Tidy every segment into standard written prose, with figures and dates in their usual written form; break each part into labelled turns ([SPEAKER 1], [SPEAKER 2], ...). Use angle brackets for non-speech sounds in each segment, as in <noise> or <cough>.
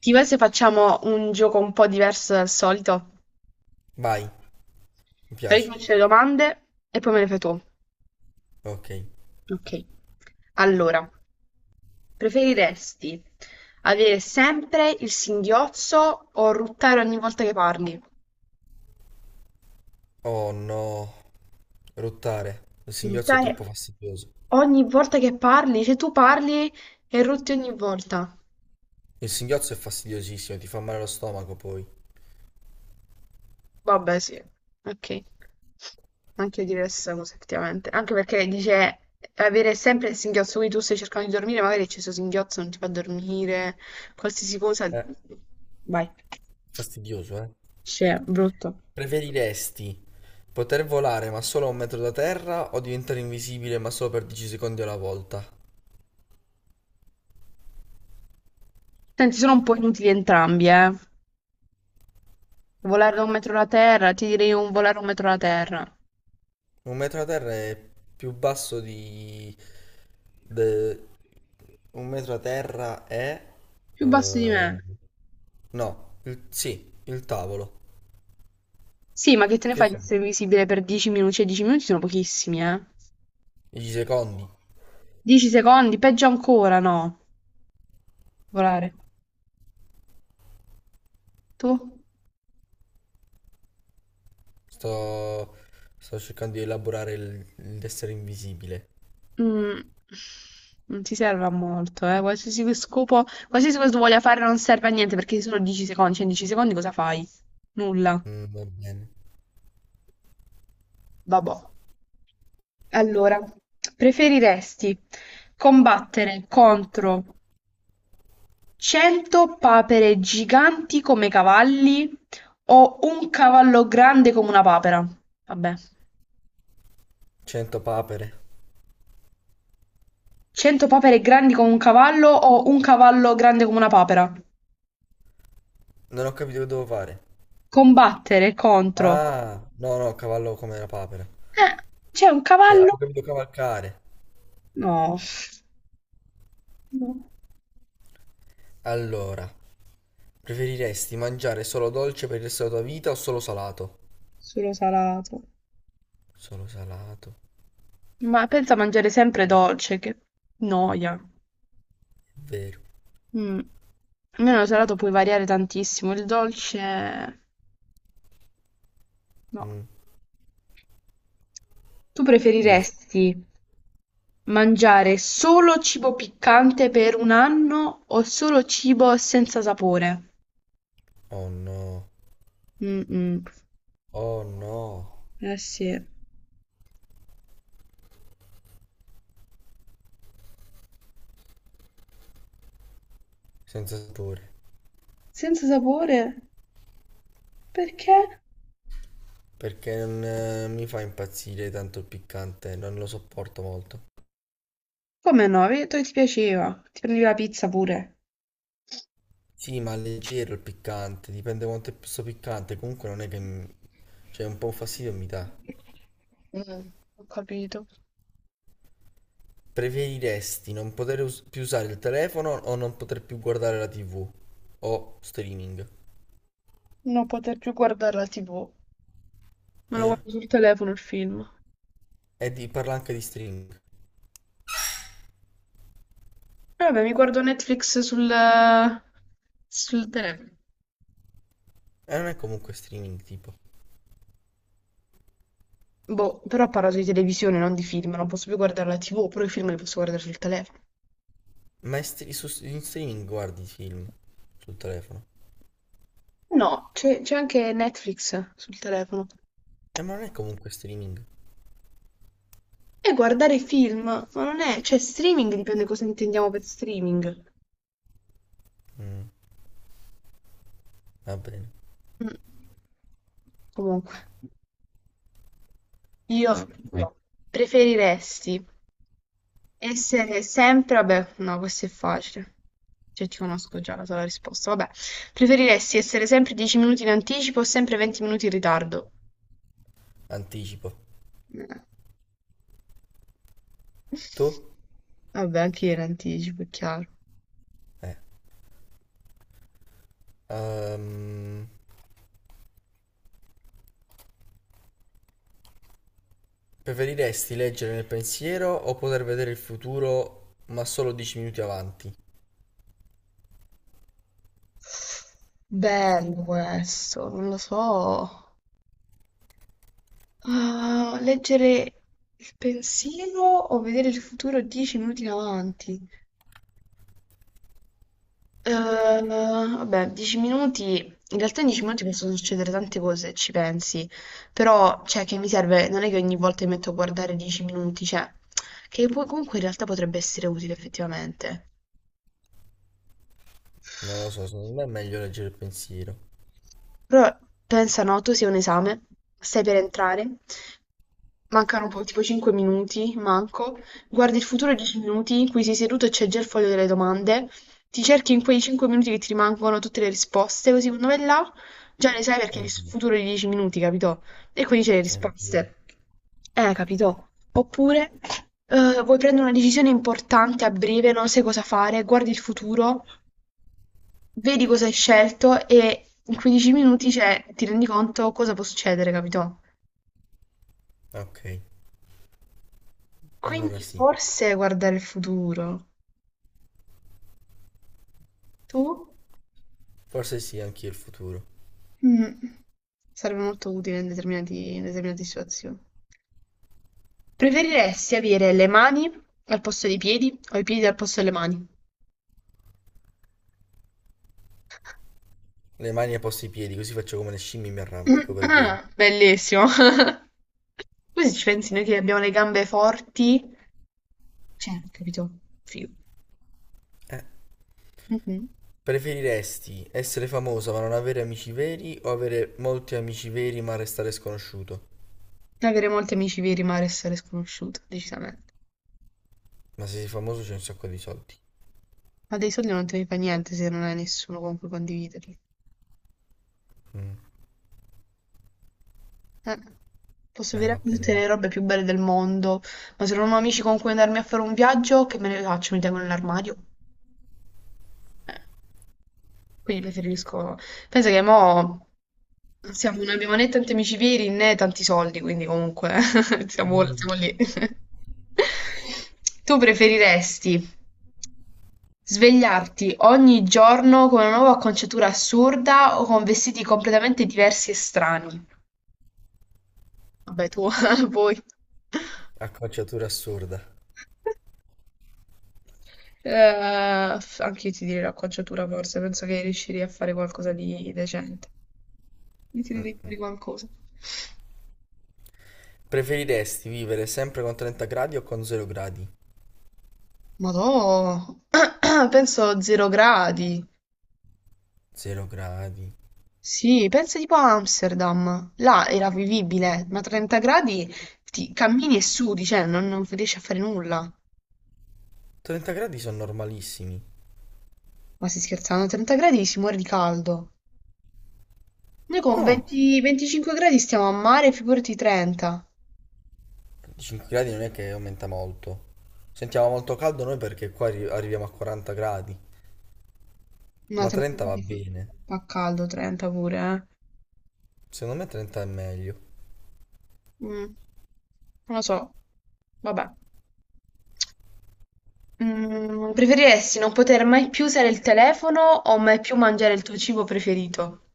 [SPEAKER 1] Ti va se facciamo un gioco un po' diverso dal solito?
[SPEAKER 2] Vai, mi
[SPEAKER 1] Allora
[SPEAKER 2] piace.
[SPEAKER 1] io ti faccio le domande e poi me le fai tu.
[SPEAKER 2] Ok.
[SPEAKER 1] Ok. Allora, preferiresti avere sempre il singhiozzo o ruttare ogni volta che parli?
[SPEAKER 2] Oh no, rottare. Il singhiozzo è
[SPEAKER 1] Ruttare
[SPEAKER 2] troppo fastidioso.
[SPEAKER 1] ogni volta che parli? Se tu parli e rutti ogni volta.
[SPEAKER 2] Il singhiozzo è fastidiosissimo, ti fa male lo stomaco poi.
[SPEAKER 1] Vabbè, sì, ok. Anche io direi la stessa cosa, effettivamente. Anche perché dice avere sempre il singhiozzo, quindi tu stai cercando di dormire, magari c'è questo singhiozzo, non ti fa dormire, qualsiasi cosa.
[SPEAKER 2] Eh,
[SPEAKER 1] Vai.
[SPEAKER 2] fastidioso, eh.
[SPEAKER 1] Cioè, brutto.
[SPEAKER 2] Preferiresti poter volare ma solo a un metro da terra o diventare invisibile ma solo per 10 secondi alla volta?
[SPEAKER 1] Senti, sono un po' inutili entrambi, eh. Volare da un metro alla terra, ti direi un volare un metro alla terra.
[SPEAKER 2] Un metro da terra è più basso di... de- Un metro da terra è...
[SPEAKER 1] Più basso di
[SPEAKER 2] eh,
[SPEAKER 1] me.
[SPEAKER 2] No, sì, il tavolo.
[SPEAKER 1] Sì, ma che te ne
[SPEAKER 2] Che
[SPEAKER 1] fai di
[SPEAKER 2] sei?
[SPEAKER 1] essere invisibile per 10 minuti? Cioè, 10 minuti sono pochissimi, eh.
[SPEAKER 2] 10 secondi.
[SPEAKER 1] 10 secondi, peggio ancora, no. Volare. Tu?
[SPEAKER 2] Sto, sto cercando di elaborare l'essere invisibile.
[SPEAKER 1] Mm, non ti serve a molto, eh. Qualsiasi scopo, qualsiasi cosa tu voglia fare non serve a niente perché solo 10 secondi, cioè in 10 secondi cosa fai? Nulla.
[SPEAKER 2] Va bene.
[SPEAKER 1] Vabbè. Allora, preferiresti combattere contro 100 papere giganti come cavalli o un cavallo grande come una papera? Vabbè.
[SPEAKER 2] 100 papere.
[SPEAKER 1] 100 papere grandi come un cavallo o un cavallo grande come una papera?
[SPEAKER 2] Non ho capito che devo fare.
[SPEAKER 1] Combattere contro...
[SPEAKER 2] Ah, no, no, cavallo come una papera.
[SPEAKER 1] Eh, c'è un
[SPEAKER 2] Avevo
[SPEAKER 1] cavallo.
[SPEAKER 2] capito cavalcare.
[SPEAKER 1] No, no,
[SPEAKER 2] Allora, preferiresti mangiare solo dolce per il resto della tua vita o solo salato?
[SPEAKER 1] solo salato.
[SPEAKER 2] Solo salato,
[SPEAKER 1] Ma pensa a mangiare sempre dolce, che noia.
[SPEAKER 2] è vero.
[SPEAKER 1] Mm. Almeno lo salato puoi variare tantissimo, il dolce no.
[SPEAKER 2] Mm,
[SPEAKER 1] Tu
[SPEAKER 2] giusto.
[SPEAKER 1] preferiresti mangiare solo cibo piccante per un anno o solo cibo senza sapore?
[SPEAKER 2] Oh no.
[SPEAKER 1] Mm-mm.
[SPEAKER 2] Oh no.
[SPEAKER 1] Eh sì.
[SPEAKER 2] Senza sapore.
[SPEAKER 1] Senza sapore? Perché?
[SPEAKER 2] Perché non mi fa impazzire tanto il piccante, non lo sopporto molto.
[SPEAKER 1] Come no? Ho detto che ti piaceva. Ti prendi la pizza pure.
[SPEAKER 2] Sì, ma leggero il piccante, dipende quanto è sto piccante, comunque non è che... Cioè, un po' un fastidio mi dà.
[SPEAKER 1] Mm, ho capito.
[SPEAKER 2] Preferiresti non poter più usare il telefono o non poter più guardare la TV? O streaming?
[SPEAKER 1] Non poter più guardare la TV. Me lo guardo sul telefono il film.
[SPEAKER 2] E parla anche di streaming.
[SPEAKER 1] Vabbè, mi guardo Netflix sul telefono.
[SPEAKER 2] E non è comunque streaming, tipo.
[SPEAKER 1] Boh, però parlo di televisione, non di film. Non posso più guardare la TV, però i film li posso guardare sul telefono.
[SPEAKER 2] Ma è in streaming guardi i film sul telefono.
[SPEAKER 1] No, c'è anche Netflix sul telefono.
[SPEAKER 2] E ma non è comunque streaming.
[SPEAKER 1] E guardare film, ma non è... Cioè, streaming dipende cosa intendiamo per streaming.
[SPEAKER 2] Mm, va bene.
[SPEAKER 1] Mm. Comunque, io no. Preferiresti essere sempre, vabbè, no, questo è facile. Cioè, ti conosco già la tua risposta. Vabbè, preferiresti essere sempre 10 minuti in anticipo o sempre 20 minuti in ritardo?
[SPEAKER 2] Anticipo.
[SPEAKER 1] Eh,
[SPEAKER 2] Tu?
[SPEAKER 1] Vabbè, anche io in anticipo, è chiaro.
[SPEAKER 2] Eh. Ehm, preferiresti leggere nel pensiero o poter vedere il futuro ma solo 10 minuti avanti?
[SPEAKER 1] Bello questo, non lo so. Ah, leggere il pensiero o vedere il futuro 10 minuti in avanti? Eh, vabbè, 10 minuti. In realtà in 10 minuti possono succedere tante cose, se ci pensi. Però, cioè, che mi serve? Non è che ogni volta mi metto a guardare 10 minuti, cioè, che poi comunque in realtà potrebbe essere utile effettivamente.
[SPEAKER 2] Non lo so, secondo me è meglio leggere il pensiero.
[SPEAKER 1] Però pensa noto sia un esame, stai per entrare, mancano tipo 5 minuti, manco, guardi il futuro 10 minuti, qui sei seduto e c'è già il foglio delle domande, ti cerchi in quei 5 minuti che ti rimangono tutte le risposte, così quando vai là già le sai perché hai visto il
[SPEAKER 2] Mm,
[SPEAKER 1] futuro di 10 minuti, capito? E quindi c'è le
[SPEAKER 2] è vero.
[SPEAKER 1] risposte. Capito? Oppure vuoi prendere una decisione importante a breve, non sai cosa fare, guardi il futuro vedi cosa hai scelto e in 15 minuti, cioè, ti rendi conto cosa può succedere, capito?
[SPEAKER 2] Ok, allora
[SPEAKER 1] Quindi
[SPEAKER 2] sì.
[SPEAKER 1] forse guardare il futuro. Tu?
[SPEAKER 2] Forse sì, anch'io il futuro.
[SPEAKER 1] Mm, sarebbe molto utile in determinate situazioni. Preferiresti avere le mani al posto dei piedi o i piedi al posto delle mani?
[SPEAKER 2] Le mani ai posti i piedi, così faccio come le scimmie e mi
[SPEAKER 1] <coughs>
[SPEAKER 2] arrampico per bene.
[SPEAKER 1] <clears throat> Bellissimo. <laughs> Poi se ci pensi noi che abbiamo le gambe forti, cioè, capito? Figo.
[SPEAKER 2] Eh,
[SPEAKER 1] Mhm.
[SPEAKER 2] preferiresti essere famosa ma non avere amici veri o avere molti amici veri ma restare sconosciuto?
[SPEAKER 1] Avere molti amici veri ma restare sconosciuto, decisamente.
[SPEAKER 2] Ma se sei famoso c'è un sacco di soldi.
[SPEAKER 1] Ma dei soldi non te ne fai niente se non hai nessuno con cui condividerli.
[SPEAKER 2] Mm.
[SPEAKER 1] Eh, posso avere
[SPEAKER 2] Va bene,
[SPEAKER 1] tutte
[SPEAKER 2] va.
[SPEAKER 1] le robe più belle del mondo, ma se non ho amici con cui andarmi a fare un viaggio, che me ne faccio? Mi tengo nell'armadio? Eh, quindi preferisco... Pensa che mo siamo, non abbiamo né tanti amici veri né tanti soldi, quindi comunque <laughs> siamo lì. Tu preferiresti svegliarti ogni giorno con una nuova acconciatura assurda o con vestiti completamente diversi e strani? Vabbè, tu, <laughs> poi...
[SPEAKER 2] Acconciatura assurda.
[SPEAKER 1] Anche io ti direi l'acconciatura forse, penso che riuscirei a fare qualcosa di decente. Mi tirerei fuori qualcosa.
[SPEAKER 2] Preferiresti vivere sempre con 30 gradi o con 0 gradi?
[SPEAKER 1] Madò, <clears throat> penso 0 gradi.
[SPEAKER 2] 0 gradi.
[SPEAKER 1] Sì, pensa tipo a Amsterdam. Là era vivibile, ma 30 gradi ti cammini e sudi, cioè non riesci a fare nulla.
[SPEAKER 2] 30 gradi sono normalissimi.
[SPEAKER 1] Ma si scherzano, a 30 gradi si muore di caldo. Noi con
[SPEAKER 2] No,
[SPEAKER 1] 20 25 gradi stiamo a mare, figurati 30.
[SPEAKER 2] 5 gradi non è che aumenta molto. Sentiamo molto caldo noi perché qua arriviamo a 40 gradi.
[SPEAKER 1] No,
[SPEAKER 2] Ma
[SPEAKER 1] 30
[SPEAKER 2] 30 va
[SPEAKER 1] gradi fa
[SPEAKER 2] bene.
[SPEAKER 1] fa caldo, 30 pure, eh.
[SPEAKER 2] Secondo me 30 è meglio.
[SPEAKER 1] Mm, non lo so, vabbè. Mm, preferiresti non poter mai più usare il telefono o mai più mangiare il tuo cibo preferito?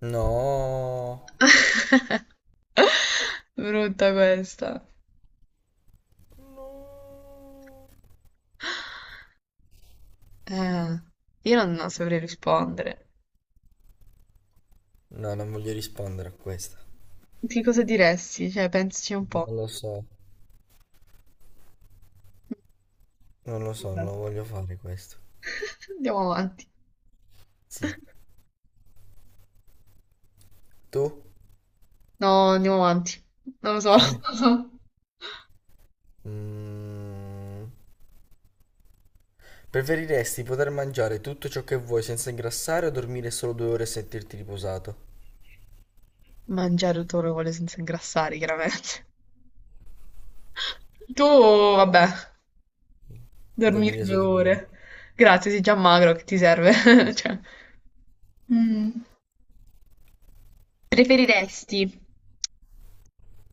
[SPEAKER 2] No.
[SPEAKER 1] <laughs> Brutta questa.
[SPEAKER 2] No.
[SPEAKER 1] Eh, io non saprei rispondere.
[SPEAKER 2] No, non voglio rispondere a questa.
[SPEAKER 1] Che cosa diresti? Cioè, pensaci un
[SPEAKER 2] Non
[SPEAKER 1] po'.
[SPEAKER 2] lo so. Non lo so, non
[SPEAKER 1] Vabbè.
[SPEAKER 2] lo voglio fare questo.
[SPEAKER 1] <laughs> Andiamo avanti.
[SPEAKER 2] Sì. Tu?
[SPEAKER 1] No, andiamo avanti. Non lo so. <laughs> Non lo so.
[SPEAKER 2] Mm. Preferiresti poter mangiare tutto ciò che vuoi senza ingrassare o dormire solo 2 ore e sentirti riposato?
[SPEAKER 1] Mangiare tutto quello che vuole senza ingrassare, chiaramente. Tu, vabbè. Dormire
[SPEAKER 2] Dormire
[SPEAKER 1] 2
[SPEAKER 2] solo 2 ore.
[SPEAKER 1] ore. Grazie, sei già magro, che ti serve? <laughs> Cioè. Mm. Preferiresti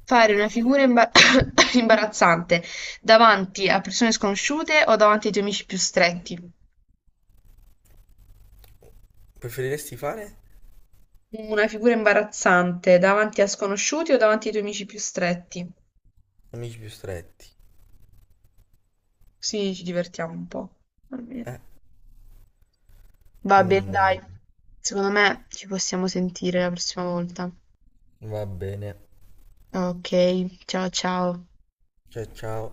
[SPEAKER 1] fare una figura <coughs> imbarazzante davanti a persone sconosciute o davanti ai tuoi amici più stretti?
[SPEAKER 2] Preferiresti fare
[SPEAKER 1] Una figura imbarazzante davanti a sconosciuti o davanti ai tuoi amici più stretti?
[SPEAKER 2] amici più stretti?
[SPEAKER 1] Sì, ci divertiamo un po'. Va bene, va bene,
[SPEAKER 2] Mm,
[SPEAKER 1] dai. Secondo me ci possiamo sentire la prossima volta.
[SPEAKER 2] va bene.
[SPEAKER 1] Ok, ciao ciao.
[SPEAKER 2] Ciao ciao.